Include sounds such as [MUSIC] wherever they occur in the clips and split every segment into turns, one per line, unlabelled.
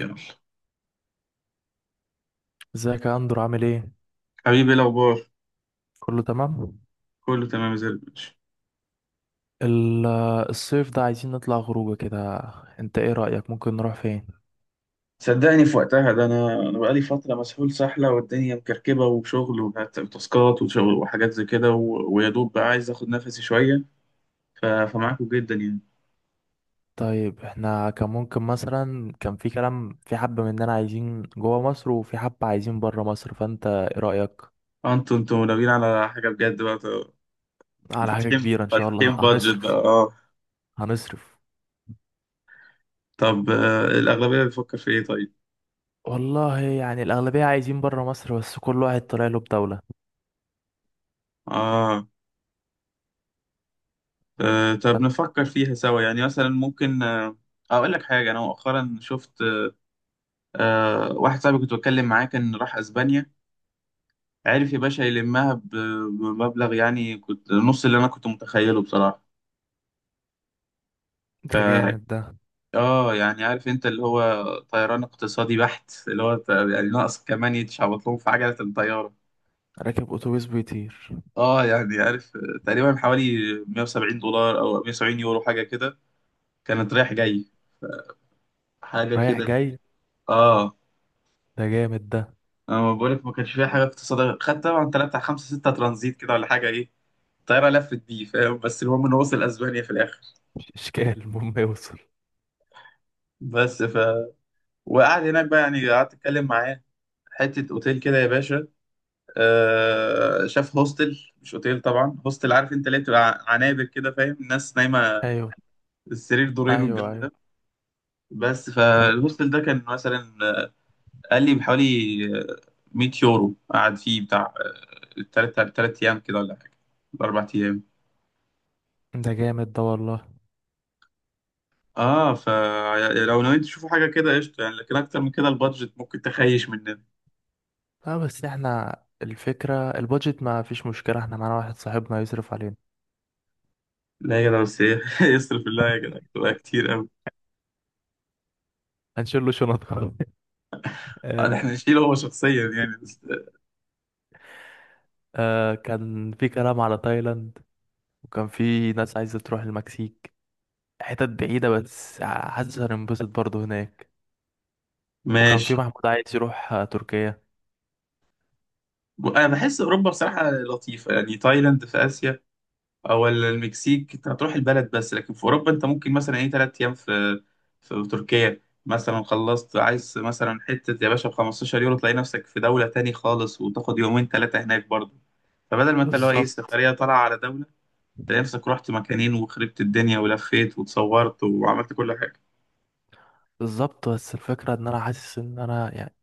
يلا.
ازيك يا اندرو؟ عامل ايه؟
حبيبي إيه الأخبار؟
كله تمام.
كله تمام زي الفل.
ال- الصيف ده عايزين نطلع خروجه كده. انت ايه رأيك؟ ممكن نروح فين؟
صدقني في وقتها ده أنا بقالي فترة مسحول سحلة والدنيا مكركبة وشغل وتاسكات وشغل وحاجات زي كده ويا دوب بقى عايز آخد نفسي شوية. فمعاكم جدا يعني.
طيب، احنا كان ممكن مثلا، كان في كلام، في حبة مننا عايزين جوه مصر وفي حبة عايزين بره مصر، فانت ايه رأيك؟
أنتوا ناويين على حاجة بجد بقى
على حاجة
فاتحين
كبيرة ان شاء الله.
فاتحين
[LAUGHS]
بادجت بقى
هنصرف.
أه؟
هنصرف.
طب الأغلبية بتفكر في إيه طيب؟
والله يعني الأغلبية عايزين بره مصر، بس كل واحد طالع له بدولة.
آه. طب
فانت،
نفكر فيها سوا يعني مثلا ممكن، أقول لك حاجة. أنا مؤخرا شفت، واحد صاحبي كنت بتكلم معاه كان راح أسبانيا. عرف يا باشا يلمها بمبلغ يعني كنت نص اللي انا كنت متخيله بصراحة. ف
ده جامد ده.
اه، يعني عارف انت اللي هو طيران اقتصادي بحت اللي هو، يعني ناقص كمان يتشعبط لهم في عجلة الطيارة.
راكب أتوبيس بيطير؟
اه يعني عارف، تقريبا حوالي 170 دولار او 170 يورو حاجة كده، كانت رايح جاي حاجة
رايح
كده.
جاي؟
اه،
ده جامد ده.
انا ما بقولك ما كانش فيها حاجة اقتصادية، خدت طبعا تلاتة بتاع خمسة ستة ترانزيت كده ولا حاجة ايه، الطيارة لفت بيه فاهم، بس المهم انه وصل اسبانيا في الاخر.
مش اشكال، [LAUGHS] المهم يوصل.
بس وقعد هناك بقى يعني قعدت اتكلم معاه، حته اوتيل كده يا باشا. آه شاف هوستل مش اوتيل طبعا، هوستل عارف انت ليه بتبقى عنابر كده فاهم، الناس نايمه،
ايوه.
السرير دورين
ايوه
والجو
ايوه.
ده. بس
طب،
فالهوستل ده كان مثلا، قال لي بحوالي، آه، 100 يورو قعد فيه بتاع، تلات ايام كده ولا حاجه، اربع ايام.
ده جامد ده والله.
اه، فلو نويت تشوفوا حاجه كده قشطه يعني، لكن اكتر من كده البادجت ممكن تخيش مننا.
اه بس احنا، الفكرة البادجت ما فيش مشكلة، احنا معانا واحد صاحبنا يصرف علينا.
لا يا جدع بس ايه [LAUGHS] يصرف الله يا جدع تبقى كتير قوي.
هنشيل له شنطة. [LAUGHS] آه.
احنا نشيله هو شخصيا يعني؟
آه كان في كلام على تايلاند، وكان في ناس عايزة تروح المكسيك، حتت بعيدة بس حاسس هننبسط برضه هناك. وكان
ماشي.
في محمود عايز يروح تركيا.
انا بحس اوروبا بصراحه لطيفه يعني. تايلاند في اسيا او المكسيك انت هتروح البلد بس، لكن في اوروبا انت ممكن مثلا ايه ثلاث ايام في في تركيا مثلا، خلصت عايز مثلا حته يا باشا، ب 15 يورو تلاقي نفسك في دوله تاني خالص، وتاخد يومين ثلاثه هناك برضه. فبدل ما انت اللي هو ايه
بالظبط.
سفريه طالعه على دوله، تلاقي نفسك رحت مكانين وخربت الدنيا ولفيت وتصورت وعملت كل حاجه.
بالظبط بس الفكرة ان انا حاسس ان انا يعني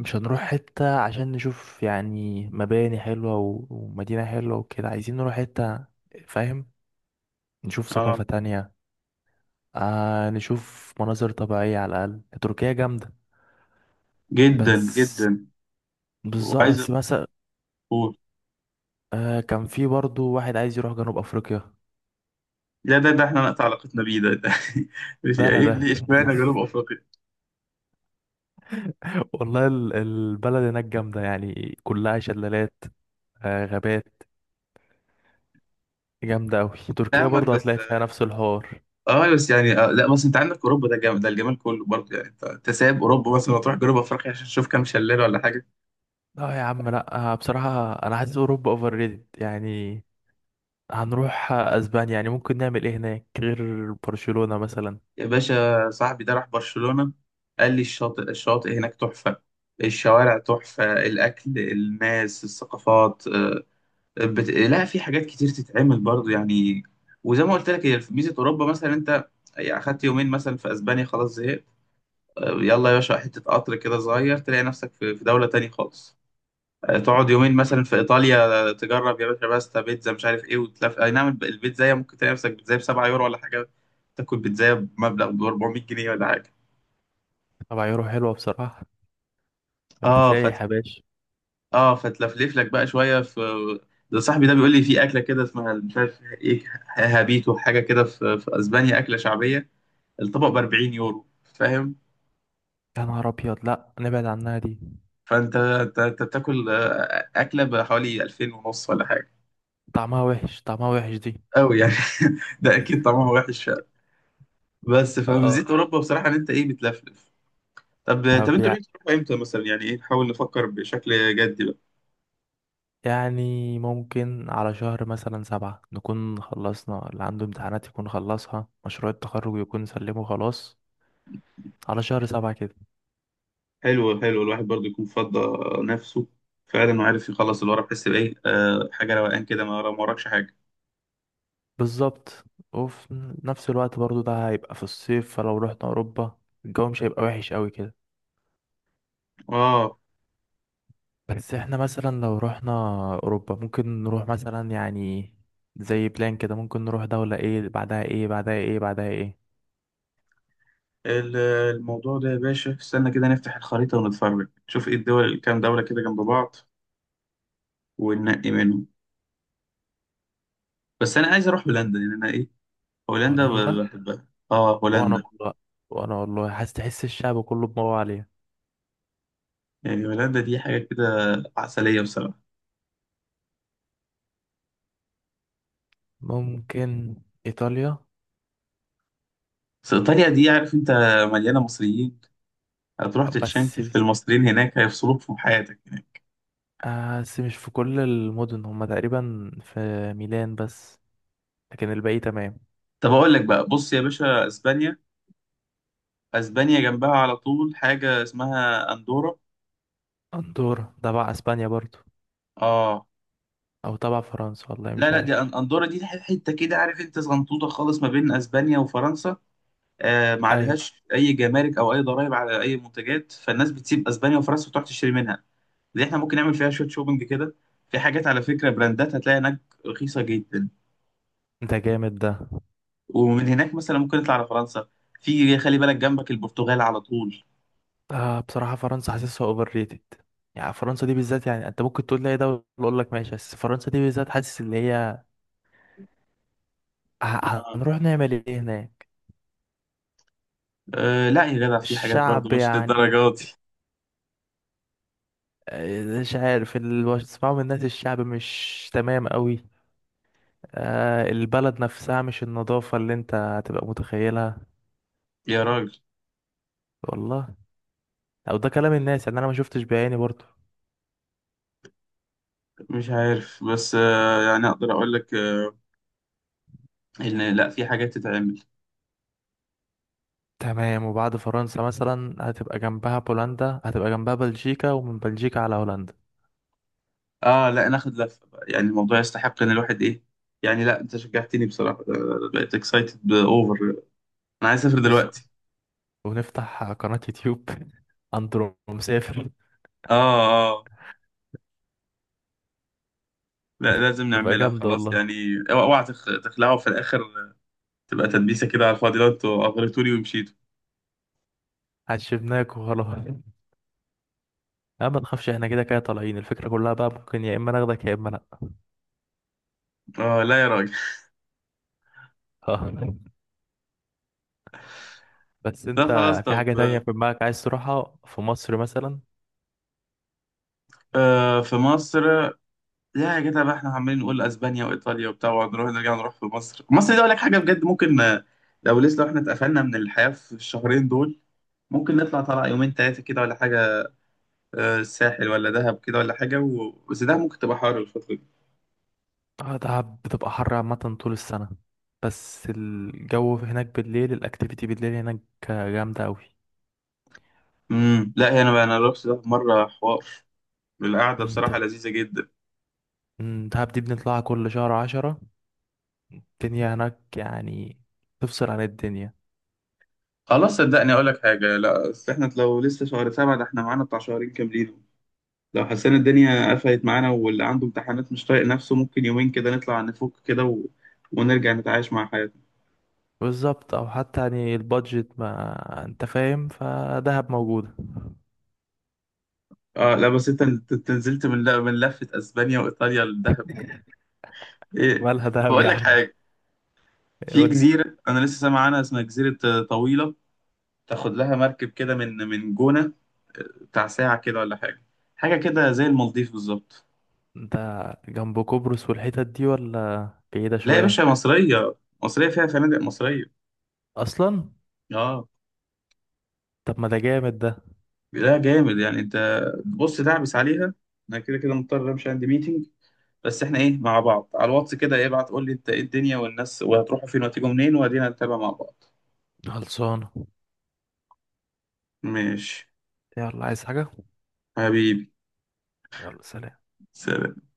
مش هنروح حتة عشان نشوف يعني مباني حلوة ومدينة حلوة وكده، عايزين نروح حتة، فاهم؟ نشوف
اه.
ثقافة تانية. آه نشوف مناظر طبيعية. على الأقل تركيا جامدة.
جدا
بس،
جدا.
بالظبط.
وعايز.
بس مثلا، آه كان في برضو واحد عايز يروح جنوب أفريقيا.
لا ده احنا نقطع علاقتنا بيه ده, ده. [LAUGHS] مش
ده أنا
يعني
ده.
ليه اشمعنى جنوب
[LAUGHS]
افريقيا.
والله البلد هناك جامدة، يعني كلها شلالات، آه غابات، جامدة أوي. تركيا
فاهمك
برضو
بس.
هتلاقي فيها نفس الحوار.
اه بس يعني، لا بس انت عندك اوروبا ده جامد ده، الجمال كله برضه يعني. انت سايب اوروبا مثلا وتروح جنوب افريقيا عشان تشوف كام شلال ولا حاجه؟
لا يا عم لا، بصراحة أنا حاسس أوروبا أوفر ريتد يعني. هنروح اسبانيا يعني ممكن نعمل ايه هناك غير برشلونة مثلا؟
يا باشا صاحبي ده راح برشلونه، قال لي الشاطئ هناك تحفه، الشوارع تحفه، الاكل الناس الثقافات، لا في حاجات كتير تتعمل برضه يعني. وزي ما قلت لك، هي ميزه اوروبا مثلا، انت يعني اخدت يومين مثلا في اسبانيا خلاص زهقت، يلا يا باشا حتة قطر كده صغير تلاقي نفسك في دولة تانية خالص. تقعد
مم.
يومين مثلا في إيطاليا، تجرب يا باشا باستا بيتزا مش عارف إيه وتلف، أي نعم البيتزاية ممكن تلاقي نفسك بيتزاية بسبعة يورو ولا حاجة. تاكل بيتزاية بمبلغ ب 400 جنيه ولا حاجة.
طبعا يورو حلوة بصراحة. انت
اه
سايح يا باشا.
فتلفلف لك بقى شوية في. ده صاحبي ده بيقول لي في أكلة كده اسمها مش عارف إيه، هابيتو حاجة كده في أسبانيا أكلة شعبية، الطبق ب 40 يورو فاهم؟
يا نهار ابيض، لا نبعد عنها دي.
فأنت أنت بتاكل، أكلة بحوالي 2000 ونص ولا حاجة
طعمها وحش، طعمها وحش دي.
قوي يعني. [LAUGHS] ده اكيد طعمها وحش فعلا. بس
اه.
فميزة اوروبا بصراحه ان انت ايه، بتلفلف. طب.
طب
انتوا ناويين تروحوا امتى مثلا؟ يعني ايه، نحاول نفكر بشكل جدي بقى.
يعني ممكن على شهر مثلا سبعة نكون خلصنا، اللي عنده امتحانات يكون خلصها، مشروع التخرج يكون سلمه خلاص. على شهر سبعة كده.
حلو حلو، الواحد برضو يكون فضى نفسه فعلا، وعارف يخلص اللي وراه بحس بايه، حاجه روقان كده، ما وراكش حاجه.
بالظبط. وفي نفس الوقت برضو ده هيبقى في الصيف، فلو رحنا أوروبا الجو مش هيبقى وحش قوي كده.
اه،
بس احنا مثلا لو رحنا اوروبا، ممكن نروح مثلا يعني زي بلان كده، ممكن نروح دولة ايه بعدها ايه بعدها ايه بعدها ايه.
ال- الموضوع ده يا باشا استنى كده، نفتح الخريطه ونتفرج نشوف ايه الدول، كام دوله كده جنب بعض وننقي منهم. بس انا عايز اروح هولندا يعني انا ايه، هولندا
هولندا.
بحبها، اه
وانا
هولندا.
والله، وانا والله حاسس، تحس الشعب كله بدماغه عليها.
يعني هولندا دي حاجة كده عسلية بصراحة.
ممكن ايطاليا.
بس إيطاليا دي عارف أنت، مليانة مصريين، هتروح
بس
تتشنكل في المصريين هناك هيفصلوك في حياتك هناك.
بس مش في كل المدن، هما تقريبا في ميلان بس، لكن الباقي تمام.
طب أقول لك بقى، بص يا باشا أسبانيا، أسبانيا جنبها على طول حاجة اسمها أندورا.
اندورا تبع اسبانيا برضو؟
آه.
او تبع فرنسا؟ والله
لا
مش
لا، دي
عارف.
أندورا دي حتة كده عارف أنت، صغنطوطة خالص ما بين أسبانيا وفرنسا. آه، ما
ايوه.
عليهاش أي جمارك أو أي ضرائب على أي منتجات، فالناس بتسيب أسبانيا وفرنسا وتروح تشتري منها. دي إحنا ممكن نعمل فيها شوية شوبينج كده، في حاجات على فكرة، براندات هتلاقي هناك رخيصة جدا.
ده جامد ده.
ومن هناك مثلا ممكن نطلع على فرنسا، في خلي بالك جنبك البرتغال على طول.
آه بصراحة فرنسا حاسسها اوفر ريتد يعني. فرنسا دي بالذات، يعني انت ممكن تقول لي اي دولة اقول لك ماشي، بس فرنسا دي بالذات حاسس ان هي
آه.
هنروح نعمل ايه هناك؟
أه لا يا جدع في حاجات برضو
الشعب
مش
يعني،
للدرجة دي.
مش عارف، اللي بسمعه من الناس الشعب مش تمام قوي. آه البلد نفسها، مش النظافة اللي انت هتبقى متخيلها.
يا راجل.
والله. او ده كلام الناس يعني، انا ما شفتش بعيني برضه.
مش عارف، بس أه يعني اقدر اقول لك أه، ان لا في حاجات تتعمل.
تمام. وبعد فرنسا مثلا هتبقى جنبها بولندا، هتبقى جنبها بلجيكا، ومن بلجيكا على هولندا.
اه، لا ناخد لفة بقى، يعني الموضوع يستحق ان الواحد ايه، يعني لا انت شجعتني بصراحة، بقيت اكسايتد اوفر، انا عايز اسافر دلوقتي.
ونفتح قناة يوتيوب. [LAUGHS] أندرو مسافر.
اه اه. لا لازم
هتبقى
نعملها
جامدة
خلاص
والله.
يعني. اوعى اوعى تخلعوا في الاخر، تبقى تدبيسة كده على الفاضي لو انتوا اغريتوني ومشيتوا.
عشبناك وخلاص. لا ما تخافش، احنا كده كده طالعين، الفكرة كلها بقى ممكن يا إما ناخدك يا إما لأ.
اه لا يا راجل.
[LAUGHS] آه. بس
ده
أنت،
خلاص.
في
طب.
حاجة تانية في دماغك عايز تروحها في مصر مثلا؟
آه، في مصر. لا يا جدع بقى، احنا عمالين نقول اسبانيا وايطاليا وبتاع ونروح نرجع نروح في مصر. مصر دي اقول لك حاجه بجد، ممكن، لو لسه لو احنا اتقفلنا من الحياه في الشهرين دول ممكن نطلع طلع يومين ثلاثه كده ولا حاجه، الساحل ولا دهب كده ولا حاجه بس دهب ممكن تبقى حر الفتره دي.
دهب بتبقى حر عامة طول السنة. بس الجو هناك بالليل، الأكتيفيتي بالليل هناك جامدة أوي.
لا هي انا بقى انا رحت دهب مره حوار، القعده
مم، د-
بصراحه لذيذه جدا.
مم، دهب دي بنطلعها كل شهر 10. الدنيا هناك يعني تفصل عن الدنيا.
خلاص صدقني اقول لك حاجه، لا أصل احنا لو لسه شهر سبعه ده احنا معانا بتاع شهرين كاملين، لو حسينا الدنيا قفلت معانا واللي عنده امتحانات مش طايق نفسه ممكن يومين كده نطلع نفك كده ونرجع نتعايش مع حياتنا.
بالظبط. او حتى يعني البادجت، ما انت فاهم، فدهب موجودة.
اه لا بس انت، انت نزلت من من لفة اسبانيا وايطاليا للدهب.
[LAUGHS]
ايه.
مالها
طب
دهب
اقول
يا
لك
عم؟
حاجة، في
قول لي
جزيرة انا لسه سامع عنها اسمها جزيرة، طويلة، تاخد لها مركب كده من جونة، بتاع ساعة كده ولا حاجة، حاجة كده زي المالديف بالظبط.
انت. جنب قبرص والحتت دي؟ ولا بعيدة
لا يا باشا
شوية؟
مصرية، مصرية فيها فنادق مصرية.
اصلا؟
اه.
طب ما ده جامد ده.
لا جامد يعني، انت بص دعبس عليها. انا كده كده مضطر امشي، عندي ميتنج، بس احنا ايه مع بعض على الواتس كده، ايه ابعت قول لي انت ايه الدنيا والناس وهتروحوا فين وهتيجوا منين وادينا نتابع مع بعض.
خلصانة.
ماشي.
يلا، عايز حاجة؟
حبيبي.
يلا سلام.
سلام.